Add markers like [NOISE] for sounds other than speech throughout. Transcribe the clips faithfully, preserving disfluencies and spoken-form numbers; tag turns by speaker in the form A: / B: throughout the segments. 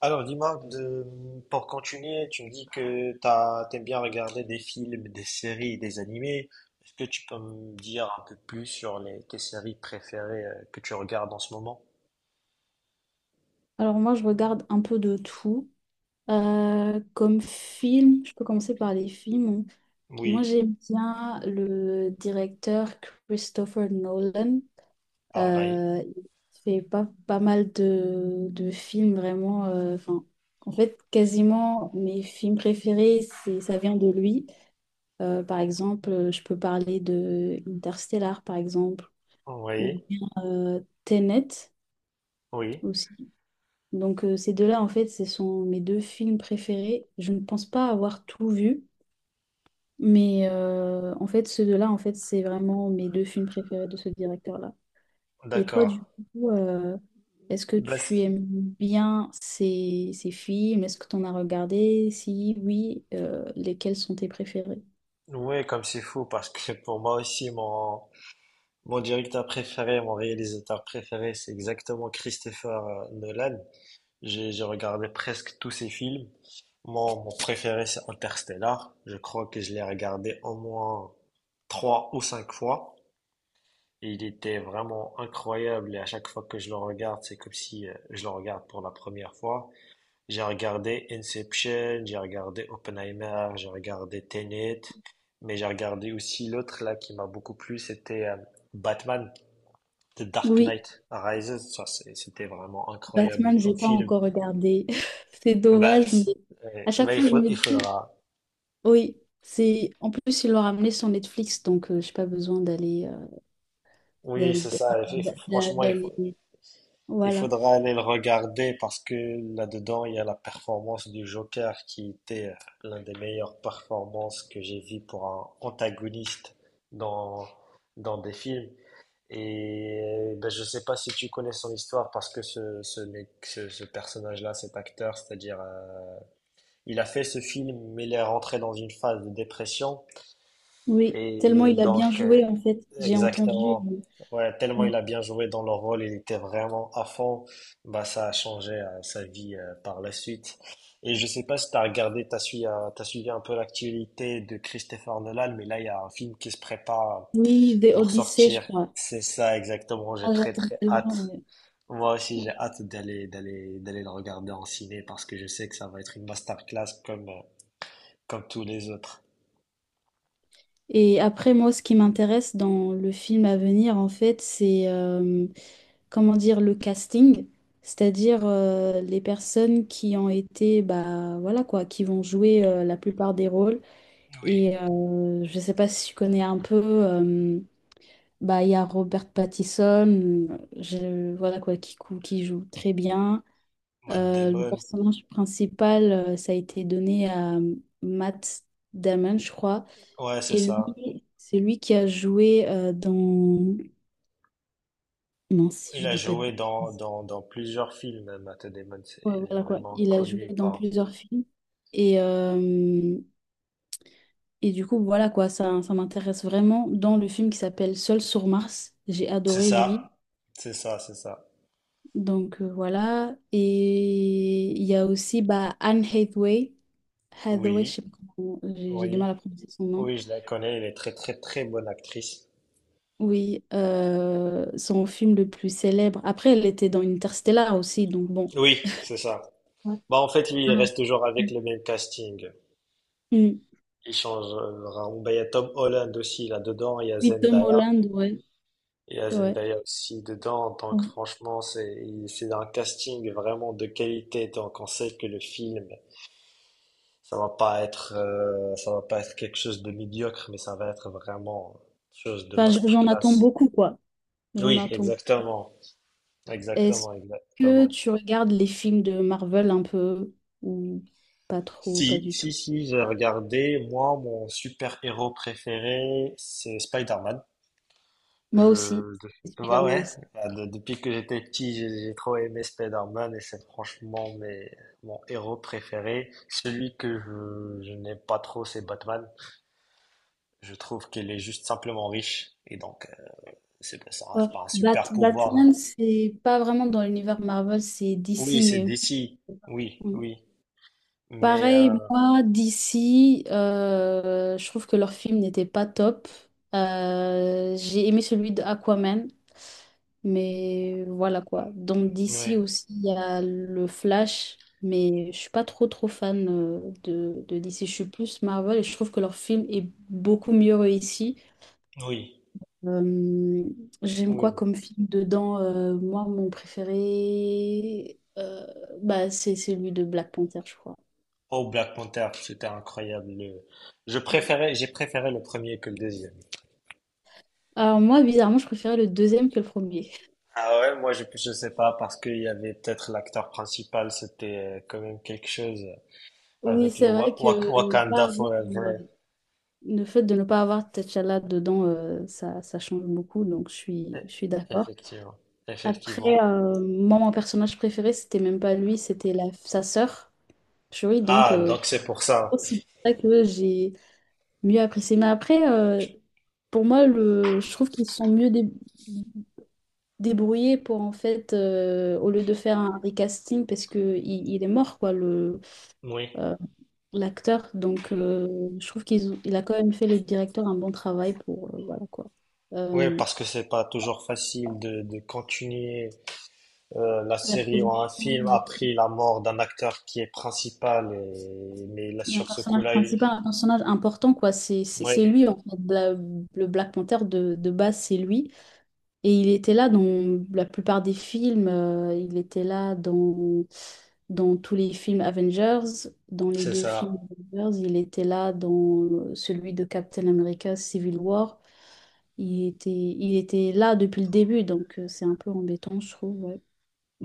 A: Alors, dis-moi, de- pour continuer, tu me dis que t'as, t'aimes bien regarder des films, des séries, des animés. Est-ce que tu peux me dire un peu plus sur les, tes séries préférées euh, que tu regardes en ce moment?
B: Alors moi, je regarde un peu de tout. Euh, comme film, je peux commencer par les films. Moi,
A: Oui,
B: j'aime bien le directeur Christopher Nolan.
A: pareil.
B: Euh, il fait pas, pas mal de, de films vraiment. euh, enfin, en fait, quasiment mes films préférés, c'est, ça vient de lui. Euh, par exemple, euh, je peux parler de Interstellar, par exemple, ou
A: Oui,
B: bien euh, Tenet
A: oui,
B: aussi. Donc euh, ces deux-là, en fait, ce sont mes deux films préférés. Je ne pense pas avoir tout vu, mais euh, en fait, ceux deux-là, en fait, c'est vraiment mes deux films préférés de ce directeur-là. Et toi,
A: d'accord.
B: du coup, euh, est-ce que
A: Bah,
B: tu
A: c'est-
B: aimes bien ces, ces films? Est-ce que tu en as regardé? Si oui, euh, lesquels sont tes préférés?
A: ouais, comme c'est fou, parce que [LAUGHS] pour moi aussi, mon, mon directeur préféré, mon réalisateur préféré, c'est exactement Christopher euh, Nolan. J'ai j'ai regardé presque tous ces films. Mon, mon préféré, c'est Interstellar. Je crois que je l'ai regardé au moins trois ou cinq fois. Et il était vraiment incroyable. Et à chaque fois que je le regarde, c'est comme si euh, je le regarde pour la première fois. J'ai regardé Inception, j'ai regardé Oppenheimer, j'ai regardé Tenet. Mais j'ai regardé aussi l'autre là qui m'a beaucoup plu, c'était euh, Batman, The Dark
B: Oui,
A: Knight Rises. Ça, c'est- c'était vraiment incroyable
B: Batman, j'ai
A: comme
B: pas
A: film.
B: encore regardé. [LAUGHS] C'est
A: Bah,
B: dommage, mais
A: si-
B: à
A: ouais.
B: chaque
A: Bah, il
B: fois, je
A: faut,
B: me
A: il
B: dis,
A: faudra.
B: oui, c'est en plus, ils l'ont ramené sur Netflix, donc je j'ai pas besoin d'aller.
A: Oui,
B: d'al-
A: c'est ça. Il
B: d'a-
A: faut-
B: d'a-
A: franchement, il faut,
B: D'aller.
A: il
B: Voilà.
A: faudra aller le regarder parce que là-dedans, il y a la performance du Joker qui était euh, l'un des meilleures performances que j'ai vues pour un antagoniste dans, dans des films. Et ben, je sais pas si tu connais son histoire parce que ce, ce, mec- ce, ce personnage-là, cet acteur, c'est-à-dire, euh, il a fait ce film, mais il est rentré dans une phase de dépression.
B: Oui,
A: Et
B: tellement il a bien
A: donc, euh,
B: joué en fait. J'ai entendu.
A: exactement.
B: euh,
A: Ouais, tellement
B: Oui.
A: il a bien joué dans le rôle, il était vraiment à fond. Bah, ça a changé euh, sa vie euh, par la suite. Et je sais pas si t'as regardé, t'as suivi, euh, t'as suivi un peu l'actualité de Christopher Nolan, mais là, il y a un film qui se prépare
B: Oui, The
A: pour
B: Odyssey,
A: sortir.
B: je crois.
A: C'est ça, exactement. J'ai
B: Ah,
A: très,
B: j'attends
A: très
B: tellement.
A: hâte.
B: Ouais.
A: Moi aussi, j'ai hâte d'aller, d'aller, d'aller le regarder en ciné parce que je sais que ça va être une masterclass comme, euh, comme tous les autres.
B: Et après, moi, ce qui m'intéresse dans le film à venir, en fait, c'est euh, comment dire le casting, c'est-à-dire euh, les personnes qui ont été, bah voilà quoi, qui vont jouer euh, la plupart des rôles. Et euh, je sais pas si tu connais un peu. euh, Bah, il y a Robert Pattinson, euh, je, voilà quoi, qui, cou- qui joue très bien.
A: Matt
B: Euh, le
A: Damon.
B: personnage principal, euh, ça a été donné à euh, Matt Damon, je crois.
A: Ouais, c'est
B: Et
A: ça.
B: lui, c'est lui qui a joué euh, dans... Non, si
A: Il
B: je
A: a
B: dis pas de...
A: joué dans, dans, dans plusieurs films, Matt Damon. c'est-
B: Ouais,
A: Il est
B: voilà quoi.
A: vraiment
B: Il a joué
A: connu
B: dans
A: par.
B: plusieurs films. Et, euh, et du coup, voilà quoi, ça, ça m'intéresse vraiment. Dans le film qui s'appelle Seul sur Mars, j'ai
A: C'est
B: adoré lui.
A: ça, c'est ça, c'est ça.
B: Donc euh, voilà. Et il y a aussi bah, Anne Hathaway. Hathaway, je
A: Oui,
B: sais pas comment, j'ai j'ai du
A: oui,
B: mal à prononcer son nom.
A: oui, je la connais. Elle est très, très, très bonne actrice.
B: Oui, euh, son film le plus célèbre. Après, elle était dans Interstellar aussi, donc bon.
A: Oui, c'est ça.
B: Ouais.
A: Bah, en fait, lui, il
B: Mm.
A: reste toujours avec le même casting.
B: Mm.
A: Il change. euh, vraiment. Bah, il y a Tom Holland aussi là-dedans. Il y a
B: Oui, Tom
A: Zendaya.
B: Holland, ouais.
A: Il y a
B: Ouais.
A: Zendaya aussi dedans. Donc, franchement, c'est, il- c'est un casting vraiment de qualité. Donc, on sait que le film ça va pas être, euh, ça va pas être quelque chose de médiocre, mais ça va être vraiment quelque chose de
B: Enfin, j- j'en attends
A: masterclass.
B: beaucoup, quoi. J'en
A: Oui,
B: attends.
A: exactement,
B: Est-ce
A: exactement,
B: que
A: exactement.
B: tu regardes les films de Marvel un peu ou pas trop, pas
A: Si,
B: du
A: si,
B: tout?
A: si, j'ai regardé. Moi, mon super-héros préféré, c'est Spider-Man.
B: Moi aussi,
A: Je, bah
B: Spider-Man
A: ouais,
B: aussi.
A: bah, de- depuis que j'étais petit, j'ai j'ai trop aimé Spider-Man et c'est franchement mes, mon héros préféré. Celui que je, je n'aime pas trop, c'est Batman. Je trouve qu'il est juste simplement riche et donc c'est pas ça,
B: Ouais.
A: c'est pas un
B: Bat-
A: super pouvoir.
B: Batman, c'est pas vraiment dans l'univers Marvel, c'est
A: Oui,
B: D C,
A: c'est
B: mais
A: D C. Oui,
B: Mm.
A: oui. Mais euh,
B: Pareil, moi, D C, euh, je trouve que leur film n'était pas top. Euh, j'ai aimé celui de Aquaman, mais voilà quoi. Donc
A: oui,
B: D C aussi, il y a le Flash, mais je suis pas trop trop fan euh, de, de D C, je suis plus Marvel et je trouve que leur film est beaucoup mieux réussi.
A: oui,
B: Euh, j'aime quoi
A: oui.
B: comme film dedans? Euh, moi, mon préféré, euh, bah, c'est celui de Black Panther, je crois.
A: Oh, Black Panther, c'était incroyable. le- Je préférais, j'ai préféré le premier que le deuxième.
B: Alors moi, bizarrement, je préférais le deuxième que le premier.
A: Ah ouais, moi je je sais pas parce qu'il y avait peut-être l'acteur principal, c'était euh, quand même quelque chose
B: Oui,
A: avec le
B: c'est vrai
A: Wa- Wa-
B: que ne pas
A: Wakanda
B: avoir, euh,
A: Forever.
B: le fait de ne pas avoir T'Challa dedans, euh, ça, ça change beaucoup, donc je suis,
A: Eh,
B: je suis d'accord.
A: Effectivement,
B: Après,
A: effectivement.
B: euh, moi, mon personnage préféré, c'était même pas lui, c'était la, sa sœur, Shuri, donc
A: Ah,
B: euh,
A: donc c'est pour ça.
B: c'est pour ça que j'ai mieux apprécier. Mais après, euh, pour moi, le, je trouve qu'ils se sont mieux dé- débrouillés pour, en fait, euh, au lieu de faire un recasting, parce que il, il est mort, quoi, le,
A: Oui.
B: euh, l'acteur. Donc, euh, je trouve qu'il il a quand même fait le directeur un bon travail pour, euh, voilà, quoi.
A: Oui,
B: Euh,
A: parce que c'est pas toujours facile de, de continuer euh, la
B: la
A: série ou un
B: production,
A: film a pris la mort d'un acteur qui est principal et mais là
B: il y a un
A: sur ce
B: personnage
A: coup-là il...
B: principal, un personnage important, quoi. C'est c'est-
A: oui
B: c'est lui, en fait. La- le Black Panther de, de base, c'est lui. Et il était là dans la plupart des films, euh, il était là dans, dans tous les films Avengers, dans les
A: c'est
B: deux films
A: ça
B: Avengers, il était là dans euh, celui de Captain America Civil War. Il était, il était là depuis le début, donc euh, c'est un peu embêtant, je trouve. Ouais.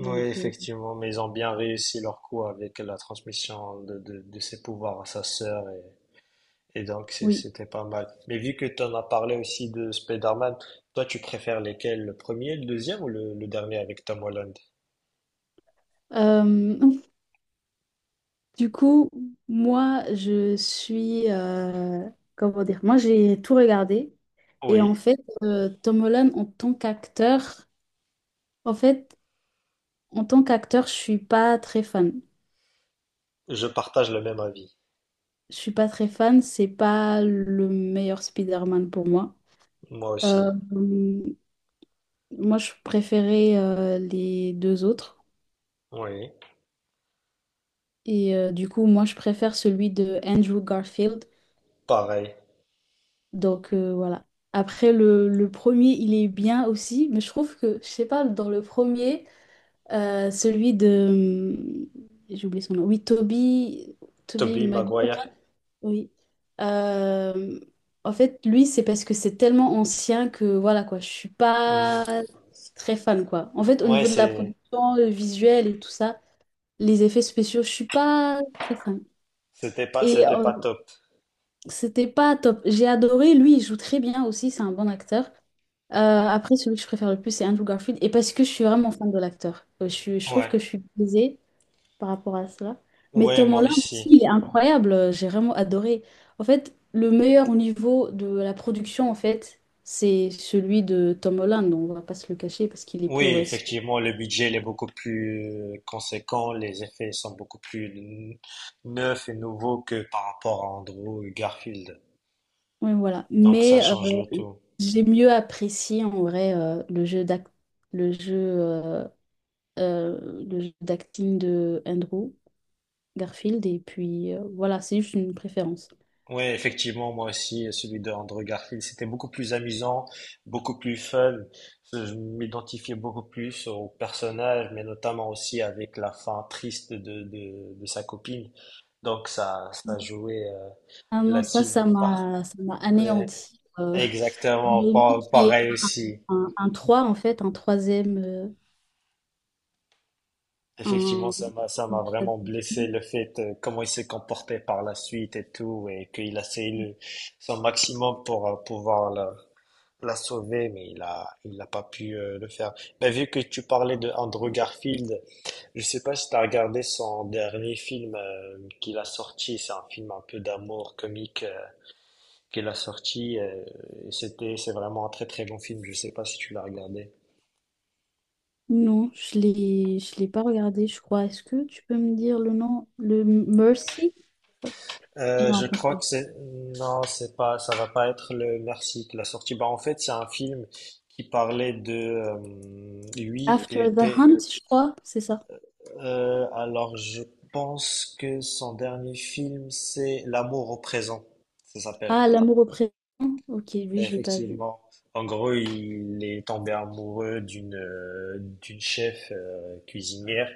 A: oui
B: euh,
A: effectivement mais ils ont bien réussi leur coup avec la transmission de, de, de ses pouvoirs à sa sœur et, et donc c'est-
B: oui.
A: c'était pas mal mais vu que tu en as parlé aussi de Spider-Man toi tu préfères lesquels le premier le deuxième ou le, le dernier avec Tom Holland
B: Euh, [LAUGHS] du coup, moi, je suis... euh, comment dire? Moi, j'ai tout regardé. Et
A: oui
B: en fait, euh, Tom Holland, en tant qu'acteur, en fait, en tant qu'acteur, je suis pas très fan.
A: je partage le même avis
B: Je suis pas très fan, c'est pas le meilleur Spider-Man pour moi.
A: moi
B: Euh,
A: aussi
B: moi, je préférais euh, les deux autres.
A: oui
B: Et euh, du coup, moi, je préfère celui de Andrew Garfield.
A: pareil
B: Donc euh, voilà. Après, le, le premier, il est bien aussi, mais je trouve que, je sais pas, dans le premier, euh, celui de... J'ai oublié son nom. Oui, Toby, Toby
A: Tobey
B: Maguire.
A: Maguire
B: Oui. Euh, en fait, lui, c'est parce que c'est tellement ancien que voilà quoi, je suis
A: Mm.
B: pas très fan quoi. En fait, au
A: ouais
B: niveau de la
A: c'est
B: production, le visuel et tout ça, les effets spéciaux, je suis pas très fan.
A: c'était pas,
B: Et
A: c'était
B: euh,
A: pas top.
B: C'était pas top. J'ai adoré, lui, il joue très bien aussi, c'est un bon acteur. Euh, après, celui que je préfère le plus, c'est Andrew Garfield. Et parce que je suis vraiment fan de l'acteur. Euh, Je suis- je trouve
A: Ouais.
B: que je suis biaisée par rapport à cela. Mais
A: Ouais,
B: Tom
A: moi
B: Holland aussi,
A: aussi.
B: il est incroyable. J'ai vraiment adoré. En fait, le meilleur au niveau de la production, en fait, c'est celui de Tom Holland. On va pas se le cacher parce qu'il est
A: Oui,
B: plus récent.
A: effectivement, le budget il est beaucoup plus euh, conséquent, les effets sont beaucoup plus n- neufs et nouveaux que par rapport à Andrew Garfield.
B: Oui, voilà.
A: Donc ça
B: Mais euh,
A: change le tout.
B: j'ai mieux apprécié en vrai euh, le jeu d'ac- le jeu, euh, euh, le jeu d'acting de Andrew Garfield. Et puis euh, voilà, c'est juste une préférence.
A: Oui, effectivement, moi aussi, celui de Andrew Garfield, c'était beaucoup plus amusant, beaucoup plus fun. Je m'identifiais beaucoup plus au personnage, mais notamment aussi avec la fin triste de, de, de sa copine. Donc ça, ça jouait euh,
B: Ah non, ça,
A: là-dessus.
B: ça m'a ça m'a
A: Ouais,
B: anéanti. euh, [LAUGHS]
A: exactement,
B: Jérémy
A: Pa-
B: qui
A: pareil aussi.
B: un, un trois, en fait, un troisième, euh,
A: Effectivement,
B: un,
A: ça m'a, ça
B: un
A: m'a
B: troisième
A: vraiment blessé
B: film.
A: le fait euh, comment il s'est comporté par la suite et tout, et qu'il a essayé le- son maximum pour euh, pouvoir la, la sauver, mais il a, il n'a pas pu euh, le faire. Mais vu que tu parlais de Andrew Garfield, je sais pas si tu as regardé son dernier film euh, qu'il a sorti. C'est un film un peu d'amour comique euh, qu'il a sorti. euh, et c'était, c'est vraiment un très très bon film. Je sais pas si tu l'as regardé.
B: Non, je l'ai, je l'ai pas regardé, je crois. Est-ce que tu peux me dire le nom? Le Mercy?
A: Euh,
B: Non,
A: je
B: attends, c'est
A: crois
B: pas.
A: que c'est non, c'est pas, ça va pas être le Merci qui l'a sortie. Bah en fait, c'est un film qui parlait de euh, lui. Il
B: After the
A: était
B: Hunt, je crois, c'est ça.
A: euh, alors je pense que son dernier film c'est L'amour au présent, ça s'appelle.
B: Ah, L'amour au présent. Ok, lui,
A: Et
B: je l'ai pas vu.
A: Effectivement. En gros, il est tombé amoureux d'une euh, d'une chef euh, cuisinière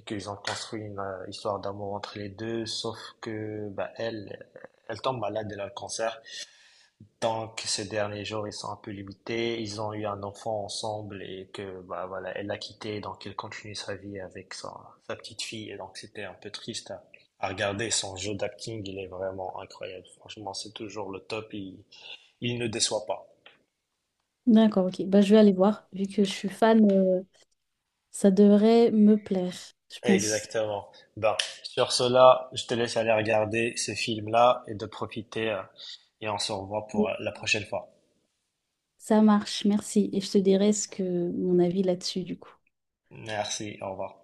A: et qu'ils ont construit une euh, histoire d'amour entre les deux, sauf que bah elle elle tombe malade, elle a le cancer. Donc, ces derniers jours, ils sont un peu limités. Ils ont eu un enfant ensemble et que, bah voilà, elle l'a quitté, donc elle continue sa vie avec sa, sa petite fille. Et donc, c'était un peu triste à, à regarder. Son jeu d'acting, il est vraiment incroyable. Franchement, c'est toujours le top. Il, il ne déçoit pas.
B: D'accord, ok. Bah, je vais aller voir. Vu que je suis fan, euh, ça devrait me plaire, je pense.
A: Exactement. Ben, sur cela, je te laisse aller regarder ce film-là et de profiter. euh, Et on se revoit pour euh,
B: Oui.
A: la prochaine fois.
B: Ça marche, merci. Et je te dirai ce que mon avis là-dessus, du coup.
A: Merci, au revoir.